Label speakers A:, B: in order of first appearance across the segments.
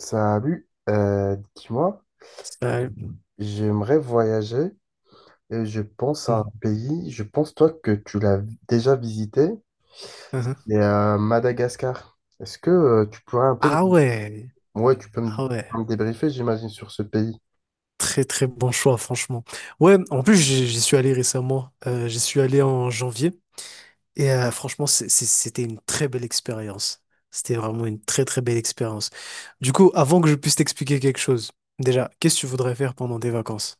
A: Salut, dis-moi,
B: Ça-
A: j'aimerais voyager et je pense à un
B: Mhm.
A: pays, je pense toi que tu l'as déjà visité,
B: Mhm.
A: c'est Madagascar. Est-ce que tu pourrais un peu,
B: Ah ouais,
A: ouais, tu peux me,
B: ah ouais,
A: me débriefer, j'imagine, sur ce pays?
B: très très bon choix franchement. Ouais, en plus j'y suis allé récemment. J'y suis allé en janvier et franchement c'était une très belle expérience. C'était vraiment une très très belle expérience. Du coup, avant que je puisse t'expliquer quelque chose, déjà, qu'est-ce que tu voudrais faire pendant des vacances?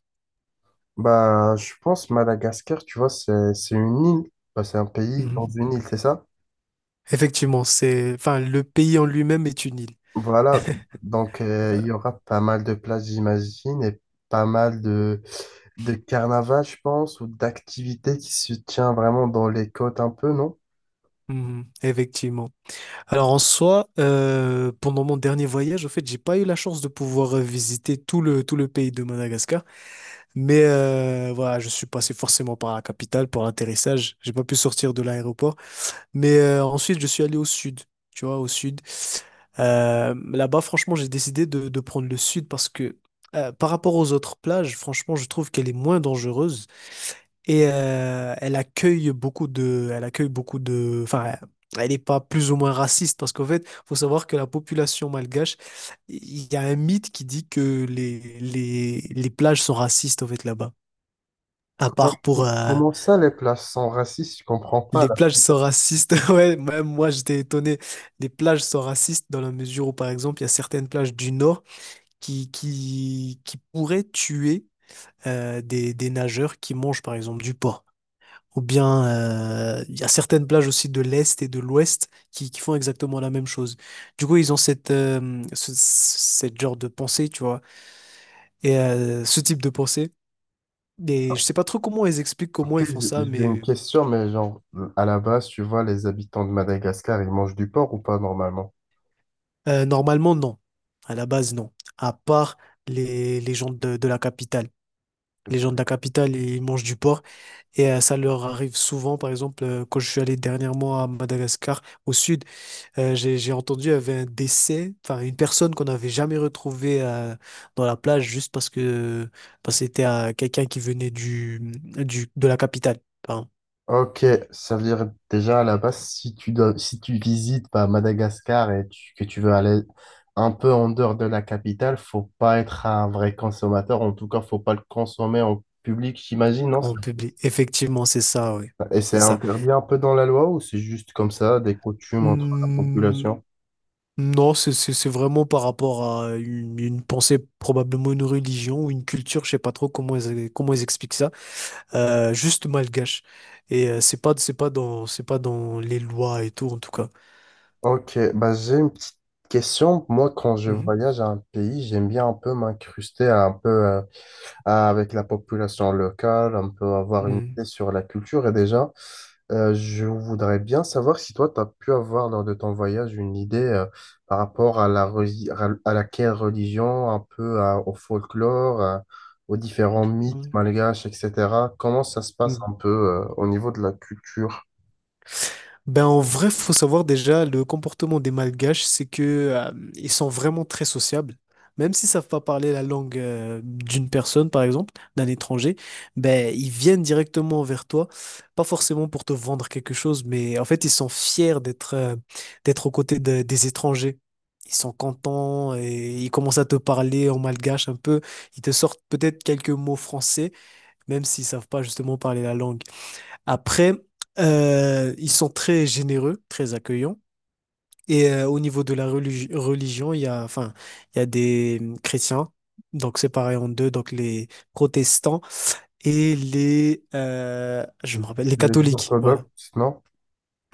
A: Bah, je pense Madagascar, tu vois, c'est une île. Bah, c'est un pays dans
B: Mhm.
A: une île, c'est ça?
B: Effectivement, c'est, enfin, le pays en lui-même est une île.
A: Voilà, donc il y aura pas mal de places, j'imagine, et pas mal de carnaval, je pense, ou d'activités qui se tient vraiment dans les côtes un peu, non?
B: Mhm. Effectivement. Alors en soi, pendant mon dernier voyage, en fait, j'ai pas eu la chance de pouvoir visiter tout le pays de Madagascar. Mais voilà, je suis passé forcément par la capitale pour l'atterrissage. J'ai pas pu sortir de l'aéroport. Mais ensuite, je suis allé au sud, tu vois, au sud. Là-bas, franchement, j'ai décidé de prendre le sud parce que par rapport aux autres plages, franchement, je trouve qu'elle est moins dangereuse. Et elle accueille beaucoup de, enfin, elle n'est pas plus ou moins raciste parce qu'en fait, faut savoir que la population malgache, il y a un mythe qui dit que les plages sont racistes en fait là-bas. À part pour
A: Comment ça, les places sont racistes? Je comprends pas,
B: les
A: là.
B: plages sont racistes, ouais, même moi j'étais étonné. Les plages sont racistes dans la mesure où, par exemple, il y a certaines plages du nord qui pourraient tuer des nageurs qui mangent, par exemple, du porc. Ou bien, il y a certaines plages aussi de l'Est et de l'Ouest qui font exactement la même chose. Du coup, ils ont cette genre de pensée, tu vois, et ce type de pensée. Et je sais pas trop comment ils expliquent comment
A: Ok,
B: ils
A: j'ai
B: font ça,
A: j'ai une
B: mais
A: question, mais genre, à la base, tu vois, les habitants de Madagascar, ils mangent du porc ou pas, normalement?
B: normalement, non. À la base, non. À part les gens de la capitale. Les gens de la capitale, ils mangent du porc et ça leur arrive souvent. Par exemple, quand je suis allé dernièrement à Madagascar, au sud. J'ai entendu, il y avait un décès, enfin une personne qu'on n'avait jamais retrouvée dans la plage juste parce que c'était quelqu'un qui venait du de la capitale. Enfin,
A: Ok, ça veut dire déjà à la base, si tu visites bah, Madagascar et que tu veux aller un peu en dehors de la capitale, faut pas être un vrai consommateur. En tout cas, faut pas le consommer en public, j'imagine, non?
B: en public. Effectivement, c'est ça, oui.
A: Et c'est
B: C'est ça.
A: interdit un peu dans la loi ou c'est juste comme ça, des coutumes entre la
B: Hmm,
A: population?
B: non, c'est vraiment par rapport à une pensée, probablement une religion ou une culture, je sais pas trop comment ils expliquent ça. Juste malgache. Et c'est pas dans les lois et tout, en tout cas.
A: Ok, bah j'ai une petite question. Moi, quand je voyage à un pays, j'aime bien un peu m'incruster à un peu, avec la population locale, on peut avoir une
B: Mhm.
A: idée sur la culture. Et déjà, je voudrais bien savoir si toi, tu as pu avoir lors de ton voyage une idée par rapport à à laquelle religion, un peu au folklore, aux différents mythes
B: Mhm.
A: malgaches, etc. Comment ça se passe
B: Mhm.
A: un peu au niveau de la culture?
B: Ben en vrai, faut savoir déjà le comportement des Malgaches, c'est que ils sont vraiment très sociables. Même s'ils savent pas parler la langue d'une personne, par exemple, d'un étranger, ben ils viennent directement vers toi, pas forcément pour te vendre quelque chose, mais en fait ils sont fiers d'être d'être aux côtés des étrangers. Ils sont contents et ils commencent à te parler en malgache un peu. Ils te sortent peut-être quelques mots français, même s'ils savent pas justement parler la langue. Après, ils sont très généreux, très accueillants. Et au niveau de la religion, il y a des chrétiens, donc séparés en deux, donc les protestants et les, je me rappelle, les
A: Les
B: catholiques, voilà.
A: orthodoxes, non?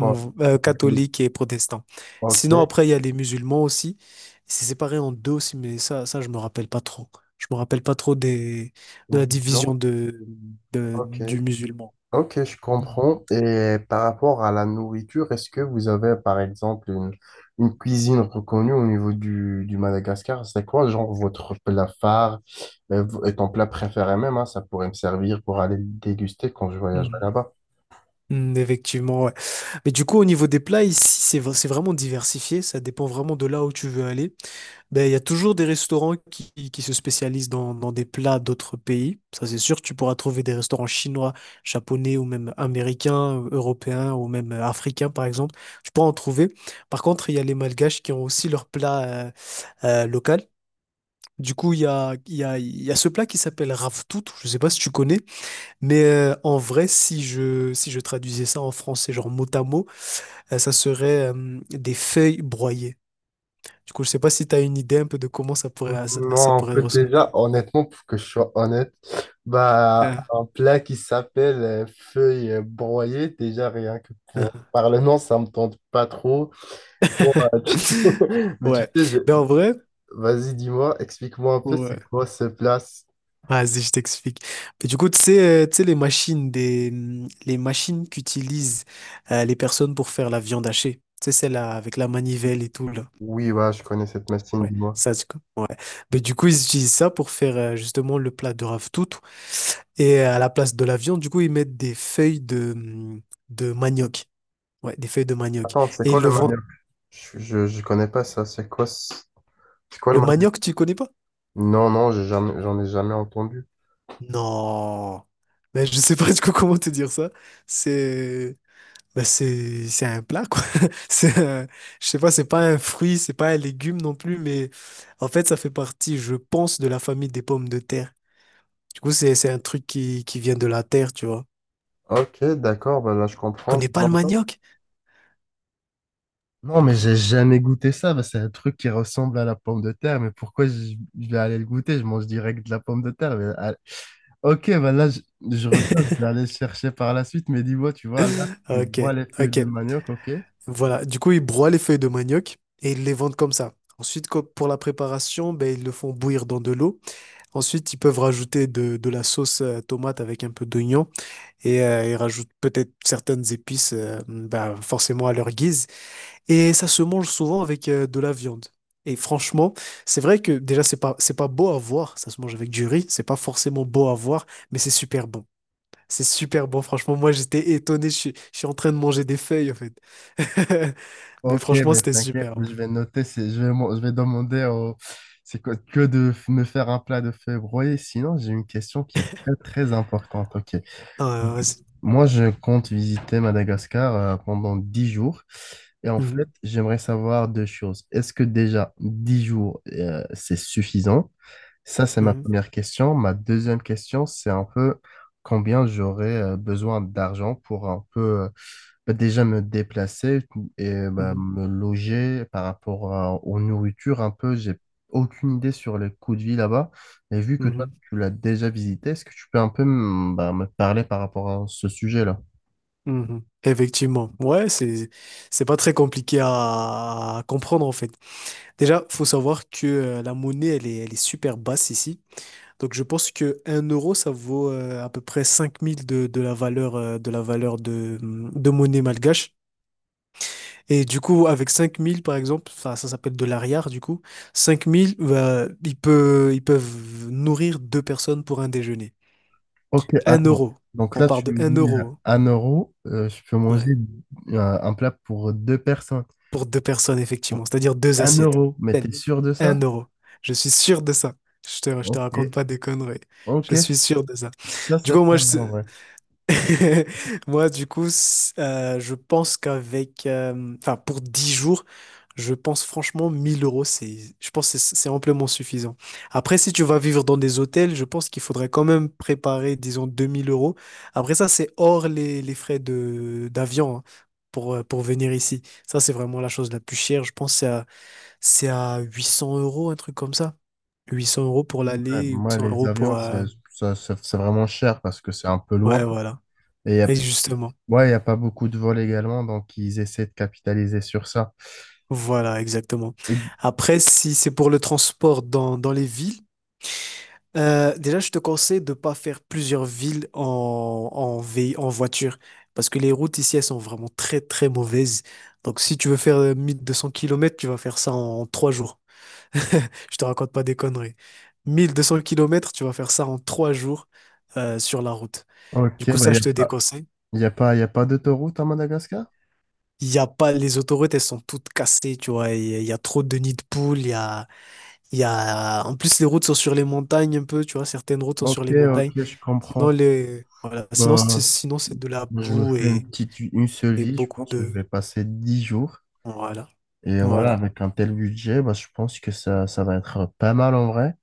A: Bon,
B: Catholiques et protestants.
A: ok,
B: Sinon, après, il y a les musulmans aussi. C'est séparé en deux aussi, mais ça, je me rappelle pas trop. Je me rappelle pas trop de
A: au
B: la division
A: clan,
B: de,
A: ok.
B: du musulman.
A: Ok, je
B: Mm.
A: comprends. Et par rapport à la nourriture, est-ce que vous avez, par exemple, une cuisine reconnue au niveau du Madagascar? C'est quoi, genre, votre plat phare et ton plat préféré même, hein, ça pourrait me servir pour aller le déguster quand je voyagerai
B: Mm.
A: là-bas.
B: Effectivement, ouais. Mais du coup, au niveau des plats, ici, c'est vraiment diversifié. Ça dépend vraiment de là où tu veux aller. Ben, il y a toujours des restaurants qui se spécialisent dans des plats d'autres pays. Ça, c'est sûr, tu pourras trouver des restaurants chinois, japonais ou même américains, européens ou même africains, par exemple. Tu pourras en trouver. Par contre, il y a les malgaches qui ont aussi leur plat local. Du coup, il y a, il y a, il y a ce plat qui s'appelle raftout. Je ne sais pas si tu connais. Mais en vrai, si je traduisais ça en français, genre mot à mot, ça serait des feuilles broyées. Du coup, je sais pas si tu as une idée un peu de comment ça pourrait, ça
A: Non, on
B: pourrait
A: peut
B: ressembler.
A: déjà, honnêtement, pour que je sois honnête, bah,
B: Ah.
A: un plat qui s'appelle feuilles broyées, déjà rien que pour, par le nom, ça me tente pas trop. Bon, mais tu
B: Ouais.
A: sais,
B: Mais en vrai,
A: vas-y, dis-moi, explique-moi un peu,
B: ouais.
A: c'est quoi ce place?
B: Vas-y, je t'explique. Mais du coup, tu sais, euh, tu sais, les machines, des, les machines qu'utilisent les personnes pour faire la viande hachée. Tu sais, celle-là avec la manivelle et tout, là.
A: Oui, ouais, je connais cette machine,
B: Ouais,
A: dis-moi.
B: ça, c'est cool. Ouais. Mais du coup, ils utilisent ça pour faire justement le plat de ravitoto. Et à la place de la viande, du coup, ils mettent des feuilles de manioc. Ouais, des feuilles de manioc.
A: Attends, c'est
B: Et
A: quoi
B: ils le
A: le
B: vendent.
A: manioc? Je connais pas ça, c'est quoi, c'est quoi le
B: Le
A: manioc?
B: manioc, tu connais pas?
A: Non, non, j'ai jamais, j'en ai jamais entendu.
B: Non. Mais je sais pas du coup comment te dire ça. C'est bah, c'est un plat quoi. C'est un- je sais pas, c'est pas un fruit, c'est pas un légume non plus, mais en fait, ça fait partie, je pense, de la famille des pommes de terre. Du coup, c'est un truc qui vient de la terre, tu vois.
A: Ok, d'accord, bah là, je comprends.
B: Connais pas
A: Dis-moi
B: le
A: un peu.
B: manioc?
A: Non, mais j'ai jamais goûté ça, bah, c'est un truc qui ressemble à la pomme de terre, mais pourquoi je vais aller le goûter? Je mange direct de la pomme de terre. Mais, ah, ok, bah là, je retiens, je vais aller le chercher par la suite, mais dis-moi, tu vois, là, tu
B: Ok,
A: vois les feuilles
B: ok.
A: de manioc, ok?
B: Voilà. Du coup, ils broient les feuilles de manioc et ils les vendent comme ça. Ensuite, pour la préparation, ben, ils le font bouillir dans de l'eau. Ensuite, ils peuvent rajouter de la sauce tomate avec un peu d'oignon et ils rajoutent peut-être certaines épices, ben, forcément à leur guise. Et ça se mange souvent avec de la viande. Et franchement, c'est vrai que déjà, c'est pas beau à voir. Ça se mange avec du riz. C'est pas forcément beau à voir, mais c'est super bon. C'est super bon, franchement. Moi, j'étais étonné. Je suis en train de manger des feuilles, en fait. Mais
A: Ok,
B: franchement,
A: mais
B: c'était
A: t'inquiète,
B: super bon.
A: mais je vais noter, je vais demander au, c'est quoi, me faire un plat de feu broyé. Sinon, j'ai une question qui est très, très importante. Ok.
B: Ah, ouais, ouais.
A: Moi, je compte visiter Madagascar pendant 10 jours. Et en fait,
B: Mhm,
A: j'aimerais savoir deux choses. Est-ce que déjà 10 jours, c'est suffisant? Ça, c'est ma
B: mhm,
A: première question. Ma deuxième question, c'est un peu combien j'aurais besoin d'argent pour un peu bah, déjà me déplacer et bah, me loger par rapport aux nourritures un peu, j'ai aucune idée sur les coûts de vie là-bas. Et vu que toi,
B: mhm,
A: tu l'as déjà visité, est-ce que tu peux un peu bah, me parler par rapport à ce sujet-là?
B: mhm, mhm. Effectivement. Ouais, c'est pas très compliqué à comprendre, en fait. Déjà, faut savoir que la monnaie, elle est super basse ici. Donc, je pense que un euro, ça vaut à peu près 5 000 de la valeur de monnaie malgache. Et du coup, avec 5 000 par exemple, enfin, ça s'appelle de l'arrière, du coup, 5 000, bah, ils peuvent nourrir deux personnes pour un déjeuner.
A: Ok,
B: Un
A: attends.
B: euro.
A: Donc
B: On
A: là,
B: part
A: tu
B: de
A: me
B: un
A: dis
B: euro.
A: 1 euro, je peux
B: Hein. Ouais.
A: manger un plat pour deux personnes.
B: Pour deux personnes,
A: Pour
B: effectivement. C'est-à-dire deux
A: Un
B: assiettes.
A: euro, mais
B: Ben,
A: t'es sûr de ça?
B: un euro. Je suis sûr de ça. Je te
A: Ok,
B: raconte pas des conneries. Je
A: ok,
B: suis sûr de ça.
A: ça,
B: Du
A: c'est
B: coup,
A: pas mal, en vrai.
B: Moi, du coup, je pense qu'avec, enfin, pour 10 jours, je pense franchement 1 000 euros, je pense que c'est amplement suffisant. Après, si tu vas vivre dans des hôtels, je pense qu'il faudrait quand même préparer, disons, 2 000 euros. Après, ça, c'est hors les frais d'avion, hein, pour venir ici. Ça, c'est vraiment la chose la plus chère. Je pense que c'est à 800 euros, un truc comme ça. Huit cents euros pour
A: Ouais,
B: l'aller, huit
A: moi,
B: cents
A: les
B: euros pour,
A: avions, c'est c'est vraiment cher parce que c'est un peu loin.
B: ouais, voilà.
A: Et
B: Et justement.
A: ouais, il n'y a pas beaucoup de vols également, donc ils essaient de capitaliser sur ça.
B: Voilà, exactement.
A: Et-
B: Après, si c'est pour le transport dans les villes, déjà, je te conseille de ne pas faire plusieurs villes en voiture, parce que les routes ici, elles sont vraiment très, très mauvaises. Donc, si tu veux faire 1 200 kilomètres tu vas faire ça en trois jours. Je te raconte pas des conneries. 1 200 kilomètres tu vas faire ça en trois jours sur la route. Du
A: ok,
B: coup,
A: bah, il
B: ça,
A: n'y a
B: je te
A: pas,
B: déconseille.
A: y a pas, y a pas d'autoroute à Madagascar?
B: Il y a pas, les autoroutes, elles sont toutes cassées, tu vois. Il y a trop de nids de poules, il y a... Il y a... En plus, les routes sont sur les montagnes un peu, tu vois, certaines routes sont sur
A: Ok,
B: les montagnes.
A: ok, je
B: Sinon,
A: comprends.
B: les... voilà. Sinon,
A: Bah,
B: c'est de la
A: moi, je me
B: boue
A: fais une seule
B: et
A: vie, je
B: beaucoup
A: pense que je
B: de...
A: vais passer 10 jours.
B: Voilà.
A: Et voilà,
B: Voilà.
A: avec un tel budget, bah, je pense que ça va être pas mal en vrai.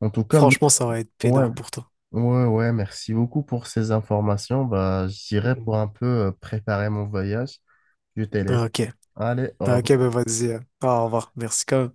A: En tout cas,
B: Franchement, ça va être
A: ouais,
B: peinard pour toi.
A: ouais, ouais, merci beaucoup pour ces informations. Bah, j'irai pour
B: Mhm.
A: un peu préparer mon voyage. Je te laisse.
B: Ah, ok.
A: Allez, au
B: Ah, ok,
A: revoir.
B: ben vas-y. Hein. Au revoir. Merci quand même.